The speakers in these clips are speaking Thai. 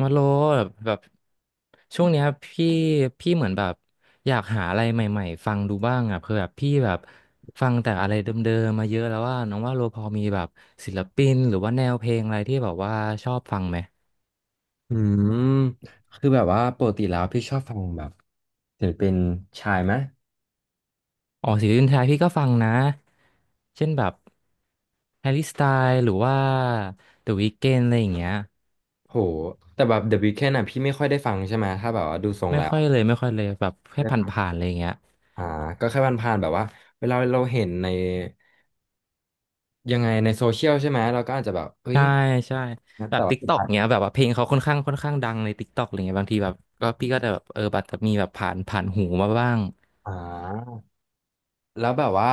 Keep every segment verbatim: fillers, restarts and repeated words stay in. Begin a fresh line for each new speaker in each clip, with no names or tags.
มาโลแบบแบบช่วงเนี้ยพี่พี่เหมือนแบบอยากหาอะไรใหม่ๆฟังดูบ้างอ่ะเพื่อแบบพี่แบบฟังแต่อะไรเดิมๆมาเยอะแล้วว่าน้องว่าโลพอมีแบบศิลปินหรือว่าแนวเพลงอะไรที่แบบว่าชอบฟังไหม
อืมคือแบบว่าปกติแล้วพี่ชอบฟังแบบศิลปินชายไหม
อ๋อศิลปินไทยพี่ก็ฟังนะเช่นแบบแฮร์รี่สไตล์หรือว่าเดอะวี k เ n d อะไรอย่างเงี้ย
โหแต่แบบ The Weeknd อ่ะพี่ไม่ค่อยได้ฟังใช่ไหมถ้าแบบว่าดูทรง
ไม่
แล้ว
ค่อยเลยไม่ค่อยเลยแบบ
ไม่
แค่
ได้
ผ
ฟัง
่านๆอะไรอย่างเงี้ย
อ่าก็แค่ผ่านๆแบบว่าเวลาเราเห็นในยังไงในโซเชียลใช่ไหมเราก็อาจจะแบบเฮ้ย
ใช่ใช่แบ
แต่
บ
ว่า
ติ๊ก
สุด
ต็อก
ท้าย
เนี้ยแบบว่าเพลงเขาค่อนข้างค่อนข้างดังในติ๊กต็อกอะไรเงี้ยบางทีแบบก็พี่ก็จะแบบเออแบบจะมีแบบผ่านผ่านหูมาบ้าง
อ่า แล้วแบบว่า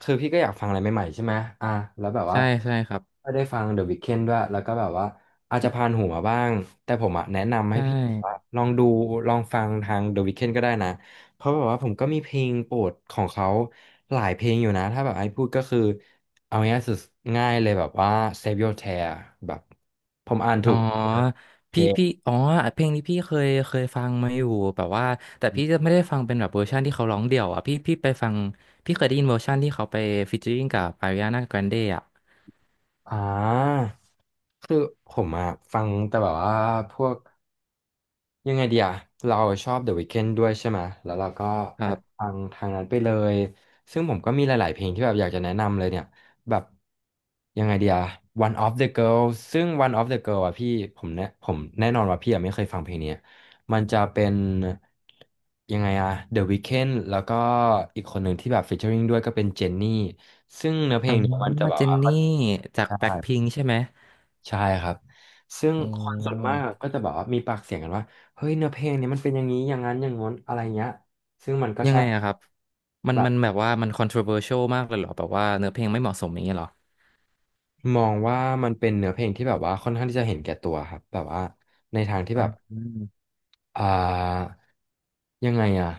คือพี่ก็อยากฟังอะไรใหม่ๆใช่ไหมอ่ะแล้วแบบว่า
ใช่ใช่ครับ
ก็ได้ฟัง The Weeknd ด้วยแล้วก็แบบว่าอาจจะผ่านหูมาบ้างแต่ผมอ่ะแนะนำให้
ใช่
พี่แบบว่าลองดูลองฟังทาง The Weeknd ก็ได้นะเพราะแบบว่าผมก็มีเพลงโปรดของเขาหลายเพลงอยู่นะถ้าแบบไอ้พูดก็คือเอาง่ายสุดง่ายเลยแบบว่า Save Your Tear แบบผมอ่านถู
อ๋อ
กเพล
พี่
ง
พี่อ๋อเพลงนี้พี่เคยเคยฟังมาอยู่แบบว่าแต่พี่จะไม่ได้ฟังเป็นแบบเวอร์ชันที่เขาร้องเดี่ยวอ่ะพี่พี่ไปฟังพี่เคยได้ยินเวอร์ชันที่เขาไปฟีเจอริ่งกับอาริอานาแกรนเดอ่ะ
อ่าคือผมอะฟังแต่แบบว่าพวก ยังไงเดีย เราชอบ The Weeknd ด้วยใช่ไหม แล้วเราก็
ค
อั
รั
ด
บ
ฟังทางนั้นไปเลย ซึ่งผมก็มีหลายๆเพลงที่แบบอยากจะแนะนำเลยเนี่ย แบบยังไงเดีย One of the Girl ซึ่ง One of the Girl อะพี่ผมแน่ผมแน่นอนว่าพี่อะไม่เคยฟังเพลงนี้ มันจะเป็นยังไงอะ The Weeknd แล้วก็อีกคนหนึ่งที่แบบ featuring ด้วยก็เป็นเจนนี่ซึ่งเนื้อเพ
อ๋
ล
อ
งเนี่ยมันจะแบบ
เจน
ว่า
นี่จาก
ใช่
แบ็คพิงค์ใช่ไหม
ใช่ครับ ซึ่ง
อ๋
คนส่วนมากอะ
อ
ก็จะแบบว่ามีปากเสียงกันว่าเฮ้ยเนื้อเพลงเนี้ยมันเป็นอย่างนี้อย่างนั้นอย่างง้นอะไรเงี้ยซึ่งมันก็
ยัง
ใช่
ไงอะครับมัน
แบบ
มันแบบว่ามัน controversial มากเลยเหรอแบบว่าเนื้อเพลงไม่เหมาะสมอย่างเงี้ยเหรอ
มองว่ามันเป็นเนื้อเพลงที่แบบว่าค่อนข้างที่จะเห็นแก่ตัวครับแบบว่าในทางที่
อ่า
แบบ
อม
อ่ายังไงอะ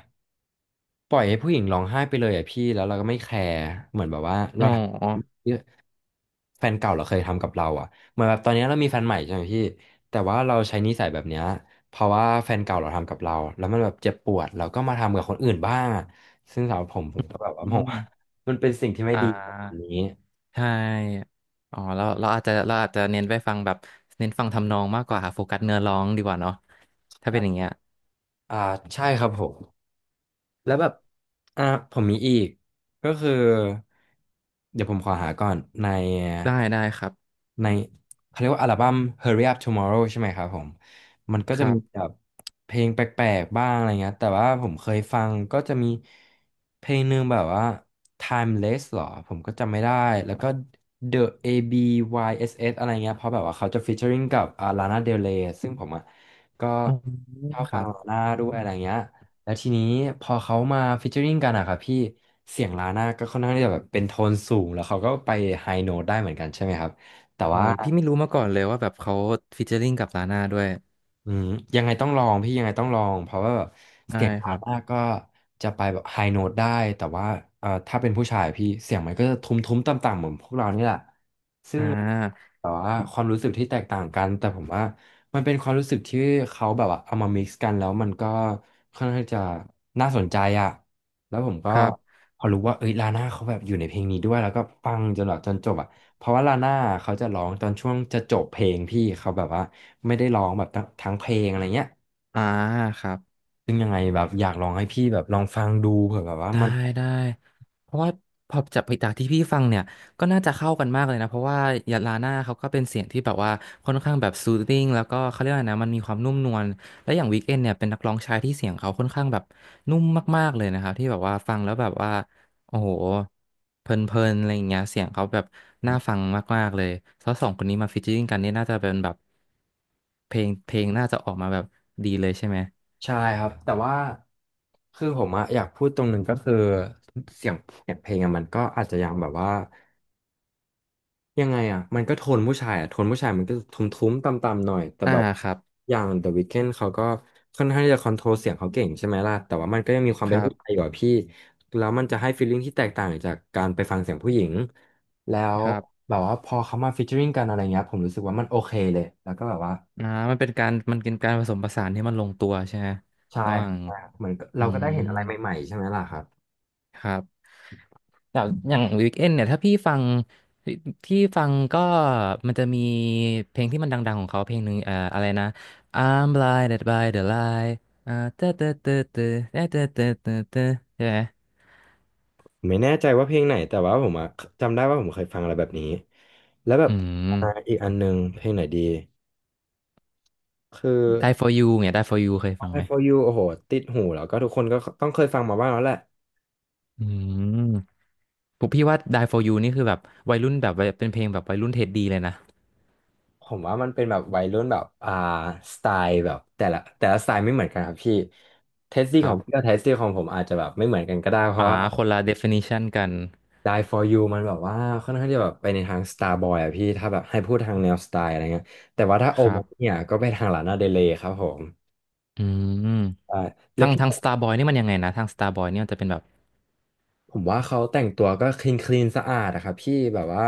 ปล่อยให้ผู้หญิงร้องไห้ไปเลยอะพี่แล้วเราก็ไม่แคร์เหมือนแบบว่าเรา
อ๋อ
ทำ แฟนเก่าเราเคยทำกับเราอ่ะเหมือนแบบตอนนี้เรามีแฟนใหม่ใช่ไหมพี่แต่ว่าเราใช้นิสัยแบบเนี้ยเพราะว่าแฟนเก่าเราทำกับเราแล้วมันแบบเจ็บปวดเราก็มาทำกับคนอื่นบ้างอ่ะซึ่งสำหรับผมผมก็แบบว่า
อื
มองว่า
ม
มันเป็นสิ่งที่ไม่
อ่
ดีของคน
า
นี้
ใช่อ๋อเราเราอาจจะเราอาจจะเน้นไปฟังแบบเน้นฟังทำนองมากกว่าโฟกัสเนื้อร้องดีกว่าเนาะถ้าเป็นอย่างเงี้ย
อ่าใช่ครับผม แล้วแบบอ่าผมมีอีกก็คือ เดี๋ยวผมขอหาก่อน ใน
ได้ได้ครับ
ในเขาเรียกว่าอัลบั้ม Hurry Up Tomorrow ใช่ไหมครับผม มันก็
ค
จะ
รั
มี
บ
แบบเพลงแปลกๆบ้างอะไรเงี้ยแต่ว่าผมเคยฟังก็จะมี เพลงหนึ่งแบบว่า Timeless หรอผมก็จำไม่ได้ แล้วก็ The A B Y S S อสเอสอะไรเงี้ยเพราะแบบว่าเขาจะ featuring กับอ่า Lana Del Rey ซึ่งผมอ่ะก็
อ๋อ
ชอบ
ค
ฟั
รั
ง
บ
ลาน่าด้วยอะไรเงี้ย แล้วทีนี้พอเขามาฟีเจอริงกันอะครับพี่เสียงลาน่าก็ค่อนข้างที่จะแบบเป็นโทนสูงแล้วเขาก็ไปไฮโน้ตได้เหมือนกันใช่ไหมครับแต่
โอ้
ว่า
ยพี่ไม่รู้มาก่อนเลยว่าแบบเขาฟีเจอริ่งกับลาน่าด้วย
อืมยังไงต้องลองพี่ยังไงต้องลองเพราะว่าแบบ
ได้
เสียง
ค
ลา
รั
น่า
บ
ก็จะไปแบบไฮโน้ตได้แต่ว่าเอ่อถ้าเป็นผู้ชายพี่เสียงมันก็จะทุ้มๆต่ำๆเหมือนพวกเรานี่แหละ
อ่า
แต่ว่าความรู้สึกที่แตกต่างกันแต่ผมว่ามันเป็นความรู้สึกที่เขาแบบว่าเอามา mix กันแล้วมันก็ค่อนข้างจะน่าสนใจอ่ะแล้วผมก็
ครับ
พอรู้ว่าเอ้ยลาน่าเขาแบบอยู่ในเพลงนี้ด้วยแล้วก็ฟังจนแบบจนจบอ่ะเพราะว่าลาน่าเขาจะร้องตอนช่วงจะจบเพลงพี่เขาแบบว่าไม่ได้ร้องแบบทั้งทั้งเพลงอะไรเงี้ย
อ่าครับ
ซึ่งยังไงแบบอยากลองให้พี่แบบลองฟังดูเผื่อแบบว่า
ได้
มัน
ได้เพราะว่าพอจากไปจากที่พี่ฟังเนี่ยก็น่าจะเข้ากันมากเลยนะเพราะว่ายาลาน่าเขาก็เป็นเสียงที่แบบว่าค่อนข้างแบบซูท h ิ n งแล้วก็เขาเรียกว่านะมันมีความนุ่มนวลและอย่างวีคเอนเนี่ยเป็นนักร้องชายที่เสียงเขาค่อนข้างแบบนุ่มมากๆเลยนะครับที่แบบว่าฟังแล้วแบบว่าโอ้โหเพลินๆอะไรอย่างเงี้ยเสียงเขาแบบน่าฟังมากๆเลยแล้วสองคนนี้มาฟีเจอริ่งกันนี่น่าจะเป็นแบบเพลงเพลงน่าจะออกมาแบบดีเลยใช่ไหม
ใช่ครับแต่ว่าคือผมอะอยากพูดตรงหนึ่งก็คือเสียงเสียงเพลงอะมันก็อาจจะยังแบบว่า ยังไงอ่ะมันก็โทนผู้ชายอ่ะโทนผู้ชายมันก็ทุ้มๆต่ำๆหน่อย แต่
อ่า
แบบ
ครับ
อย่าง The Weeknd เขาก็ค่อนข้างที่จะคอนโทรลเสียงเขาเก่งใช่ไหมล่ะ แต่ว่ามันก็ยังมีความ
ค
เป็น
รั
ผู้ชาย
บ
อยู่อะพี่ แล้วมันจะให้ฟีลลิ่งที่แตกต่างจากการไปฟังเสียงผู้หญิง แล้ว
ครับ
แบบว่าพอเขามาฟีเจอริงกันอะไรเงี้ยผมรู้สึกว่ามันโอเคเลยแล้วก็แบบว่า
อ่ามันเป็นการมันเป็นการผสมผสานที่มันลงตัวใช่ไหม
ใช่
ระหว่าง
ครับเหมือน
อื
เราก็
ม
ได้เห็นอะไรใหม่ๆใช่ไหมล่ะครับ
ครับอย่างอย่างวีคเอนเนี่ยถ้าพี่ฟังที่ที่ฟังก็มันจะมีเพลงที่มันดังๆของเขาเพลงหนึ่งเอ่ออะไรนะ I'm blinded by the light อ่าเตอเตอเตอเตอเตอเตอเตอเตอเตอใช่ไหม
ไม่แน่ใจว่าเพลงไหนแต่ว่าผมอะจำได้ว่าผมเคยฟังอะไรแบบนี้แล้วแบ
อื
บ
ม
อ่าอีกอันหนึงเพลงไหนดีคือ
Die for you เนี่ย Die for you เคยฟัง
I
ไหม
for you โอ้โหติดหูแล้วก็ทุกคนก็ต้องเคยฟังมาบ้างแล้วแหละ
อืมผมพี่ว่า Die for you นี่คือแบบวัยรุ่นแบบวัยเป็นเพลงแบบวัยรุ่นเท็ดดีเลยนะ
ผมว่ามันเป็นแบบวัยรุ่นแบบอ่าสไตล์แบบแต่ละแต่ละสไตล์ไม่เหมือนกันครับพี่เทสตี้
ค
ข
รั
องพี่กั
บ
บเทสตี้ของผมอาจจะแบบไม่เหมือนกันก็ได้เพราะ
อ่า
ว่า
คนละ definition กัน
Die for you มันแบบว่าค่อนข้างจะแบบไปในทาง Starboy อะพี่ถ้าแบบให้พูดทางแนวสไตล์อะไรเงี้ยแต่ว่าถ้าโอ
ครั
มา
บ
เนี่ยก็ไปทางลานาเดเลย์ครับผม
อืม
ใช่แล้
ทา
ว
ง
พี่
ทาง Starboy นี่มันยังไงนะ ทาง Starboy นี่มันจะเป็นแบบ
ผมว่าเขาแต่งตัวก็คลีนคลีนสะอาดอะครับพี่แบบว่า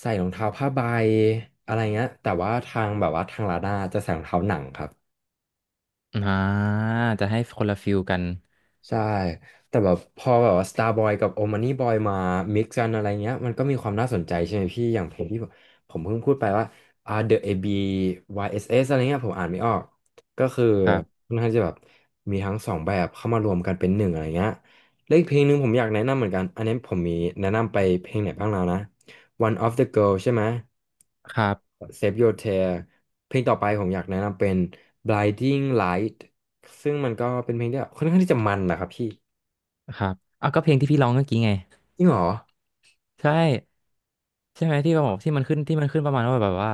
ใส่รองเท้าผ้าใบอะไรเงี้ยแต่ว่าทางแบบว่าทางลาด้าจะใส่รองเท้าหนังครับ
อ่า จะให้คนละฟิลกัน
ใช่ แต่แบบพอแบบว่า Starboy กับ o m a n i Boy มา mix กันอะไรเงี้ย มันก็มีความน่าสนใจใช่ไหมพี่ อย่างเพลงที่ผมผมเพิ่งพูดไปว่าอ่า The เอ บี วาย เอส เอส อสเอสอะไรเงี้ย ผมอ่านไม่ออก ก็คือ
ครับ
ค่อนข้างจะแบบมีทั้งสองแบบเข้ามารวมกันเป็นหนึ่งอะไรเงี้ยแล้วอีกเพลงหนึ่งผมอยากแนะนำเหมือนกัน อันนี้ผมมีแนะนำไปเพลงไหนบ้างแล้วนะ One of the Girl ใช่ไหม
ครับ
Save Your Tear เพลงต่อไปผมอยากแนะนำเป็น Blinding Light ซึ่งมันก็เป็นเพลงที่แบบค่อนข้างที่จะมันนะครับพี่
ครับอ่ะก็เพลงที่พี่ร้องเมื่อกี้ไง
จริงเหรอ
ใช่ ใช่ไหมที่บอกที่มันขึ้นที่มันขึ้นประมาณว่าแบบว่า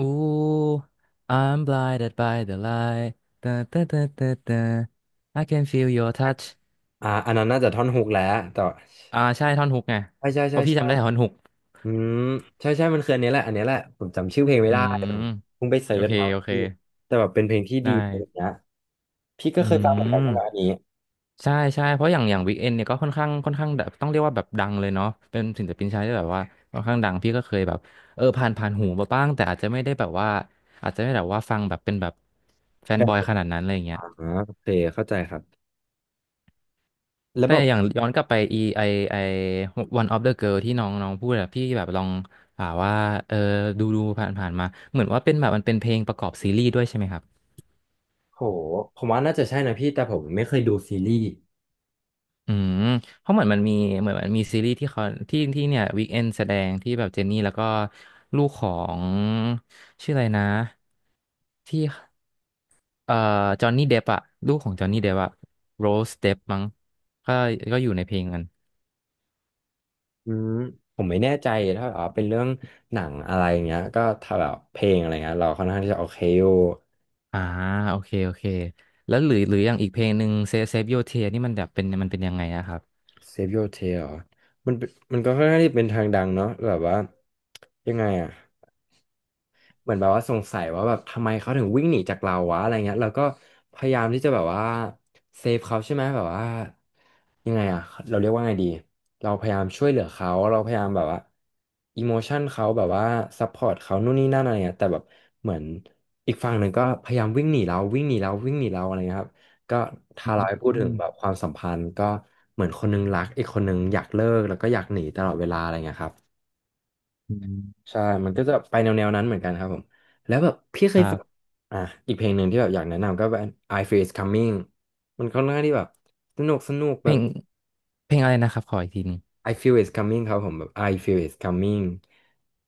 Ooh, I'm blinded by the light. Da, da, da, da, da. I can feel your touch.
อ่าอันนั้นน่าจะท่อนฮุกแล้วแต่
อ่าใช่ ท่อนฮุกไง
ใช่ใช่
เพ
ใช่
ราะพี่
ใช่
จำได้ท่อนฮุก
อืมใช่ใช่มันคืออันนี้แหละอันนี้แหละผมจำชื่อเพลงไม่
อื
ได้
ม
ผมเพิ่งไปเสิ
โอ
ร์ช
เค
แล้ว
โอเค
พี่แต่แบบเป็นเพลงที่
ได
ดีอะไร
้
เงี้ยพี่ก็
อื
เคยฟังเหมือนกัน
ม
ใช่ไหมอันนี้
ใช่ใช่เพราะอย่างอย่างวิกเอนเนี่ยก็ค่อนข้างค่อนข้างแบบต้องเรียกว่าแบบดังเลยเนาะเป็นศิลปินชายที่แบบว่าค่อนข้างดังพี่ก็เคยแบบเออผ่านผ่านหูมาบ้างแต่อาจจะไม่ได้แบบว่าอาจจะไม่ได้แบบว่าฟังแบบเป็นแบบแฟนบอย
แต
ขนาดนั้นอะไรอย่างเงี้ย
อ่าโอเคเข้าใจครับแล้ว
แต่
แบบ
อย่างย้อนกลับไปอีไอไอ One of the Girl ที่น้องน้องพูดอะพี่แบบลองอ่าว่าเออดูดูผ่านผ่านมาเหมือนว่าเป็นแบบมันเป็นเพลงประกอบซีรีส์ด้วยใช่ไหมครับ
โหผมว่าน่าจะใช่นะพี่แต่ผมไม่เคยดูซีรีส์
อืมเพราะเหมือนมันมีเหมือนมันมีซีรีส์ที่เขาที่ที่เนี่ยวีคเอนแสดงที่แบบเจนนี่แล้วก็ลูกของชื่ออะไรนะที่เอ่อจอห์นนี่เดปอะลูกของจอห์นนี่เดปอะโรสเดปมั้งก็ก็อยู่ในเพลงกัน
อืมผมไม่แน่ใจถ้าแบบว่าเป็นเรื่องหนังอะไรอย่างเงี้ยก็ถ้าแบบเพลงอะไรเงี้ยเราค่อนข้างที่จะโอเคอยู่
อ่าโอเคโอเคแล้วหรือหรืออย่างอีกเพลงหนึ่งเซเซฟโยเทนี่มันแบบเป็นมันเป็นยังไงอะครับ
Save Your Tail เหรอมันเป็นมันก็ค่อนข้างที่เป็นทางดังเนาะแบบว่ายังไงอะ เหมือนแบบว่าสงสัยว่าแบบทำไมเขาถึงวิ่งหนีจากเราวะอะไรเงี้ยเราก็พยายามที่จะแบบว่าเซฟเขาใช่ไหมแบบว่ายังไงอะเราเรียกว่าไงดีเราพยายามช่วยเหลือเขาเราพยายามแบบว่าอิโมชันเขาแบบว่าซัพพอร์ตเขานู่นนี่นั่นอะไรเงี้ยแต่แบบเหมือนอีกฝั่งหนึ่งก็พยายามวิ่งหนีเราวิ่งหนีเราวิ่งหนีเราอะไรเงี้ยครับก็ถ้าเราให้พู
อื
ดถึงแบ
ม
บความสัมพันธ์ก็เหมือนคนนึงรักอีกคนนึงอยากเลิกแล้วก็อยากหนีตลอดเวลาอะไรเงี้ยครับ
อืม
ใช่มันก็จะไปแนวแนวนั้นเหมือนกันครับผม แล้วแบบพี่เค
ค
ย
รั
ฟัง
บ
อ่ะอีกเพลงหนึ่งที่แบบอยากแนะนำก็เป็น I Feel It's Coming มันค่อนข้างที่แบบสนุกสนุก
เพ
แบ
ล
บ
งเพลงอะไรนะครับขออีกทีหนึง
I Feel It's Coming ครับผมแบบ I Feel It's Coming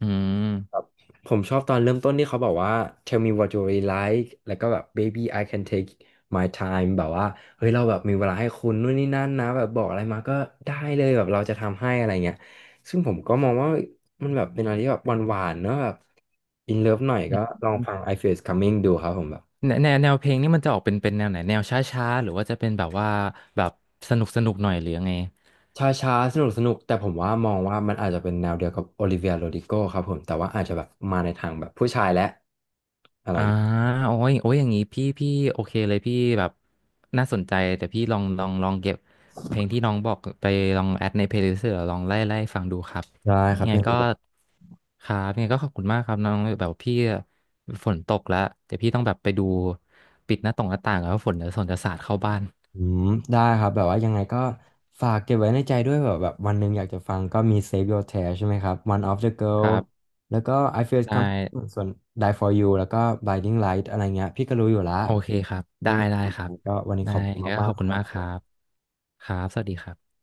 อืม
ผมชอบตอนเริ่มต้นที่เขาบอกว่า tell me what you really like แล้วก็แบบ baby I can take my time แบบว่า เฮ้ยเราแบบมีเวลาให้คุณนู่นนี่นั่นนะแบบบอกอะไรมาก็ได้เลยแบบเราจะทำให้อะไรเงี้ยซึ่งผมก็มองว่ามันแบบเป็นอะไรที่แบบหวานๆเนอะแบบ in love หน่อยก็ลองฟัง I Feel It's Coming ดูครับผมแบบ
แนแนวแนวเพลงนี่มันจะออกเป็นเป็นแนวไหนแนวช้าๆหรือว่าจะเป็นแบบว่าแบบสนุกสนุกหน่อยหรือยังไง
ช้าๆสนุกสนุกแต่ผมว่ามองว่ามันอาจจะเป็นแนวเดียวกับโอลิเวียโรดิโกครับผมแต่ว่าอาจจะแบบมาในทางแบบผู้ชายและอะไร
อ่า
อย่างเงี้ย
โอ้ยโอ้ยอย่างนี้พี่พี่โอเคเลยพี่แบบน่าสนใจแต่พี่ลองลองลองเก็บเพลงที่น้องบอกไปลองแอดในเพลย์ลิสต์หรือลองไล่ไล่ฟังดูครับ
ได้ครั
ยั
บ
งไง
พี่
ก็ครับยังไงก็ขอบคุณมากครับน้องแบบพี่ฝนตกแล้วเดี๋ยวพี่ต้องแบบไปดูปิดหน้าต่างหน้าต่างแล้วฝนจะฝนจะสาดเข้าบ้าน
อืมได้ครับแบบว่ายังไงก็ฝากเก็บไว้ในใจด้วยแบบแบบวันหนึ่งอยากจะฟังก็มี Save Your Tear ใช่ไหมครับ One of the
ค
Girl
รับ
แล้วก็ I Feel
ได้
Come ส่วน Die for You แล้วก็ Blinding Light อะไรเงี้ยพี่ก็รู้อยู่ละ
โอเคครับ
อื
ได้
ม
ได้ครับ
ก็วันนี้
ได้
ขอบคุณ
ก็
มา
ข
ก
อบ
ๆค
คุณ
รับ
มากครับ ครับ สวัสดีครับ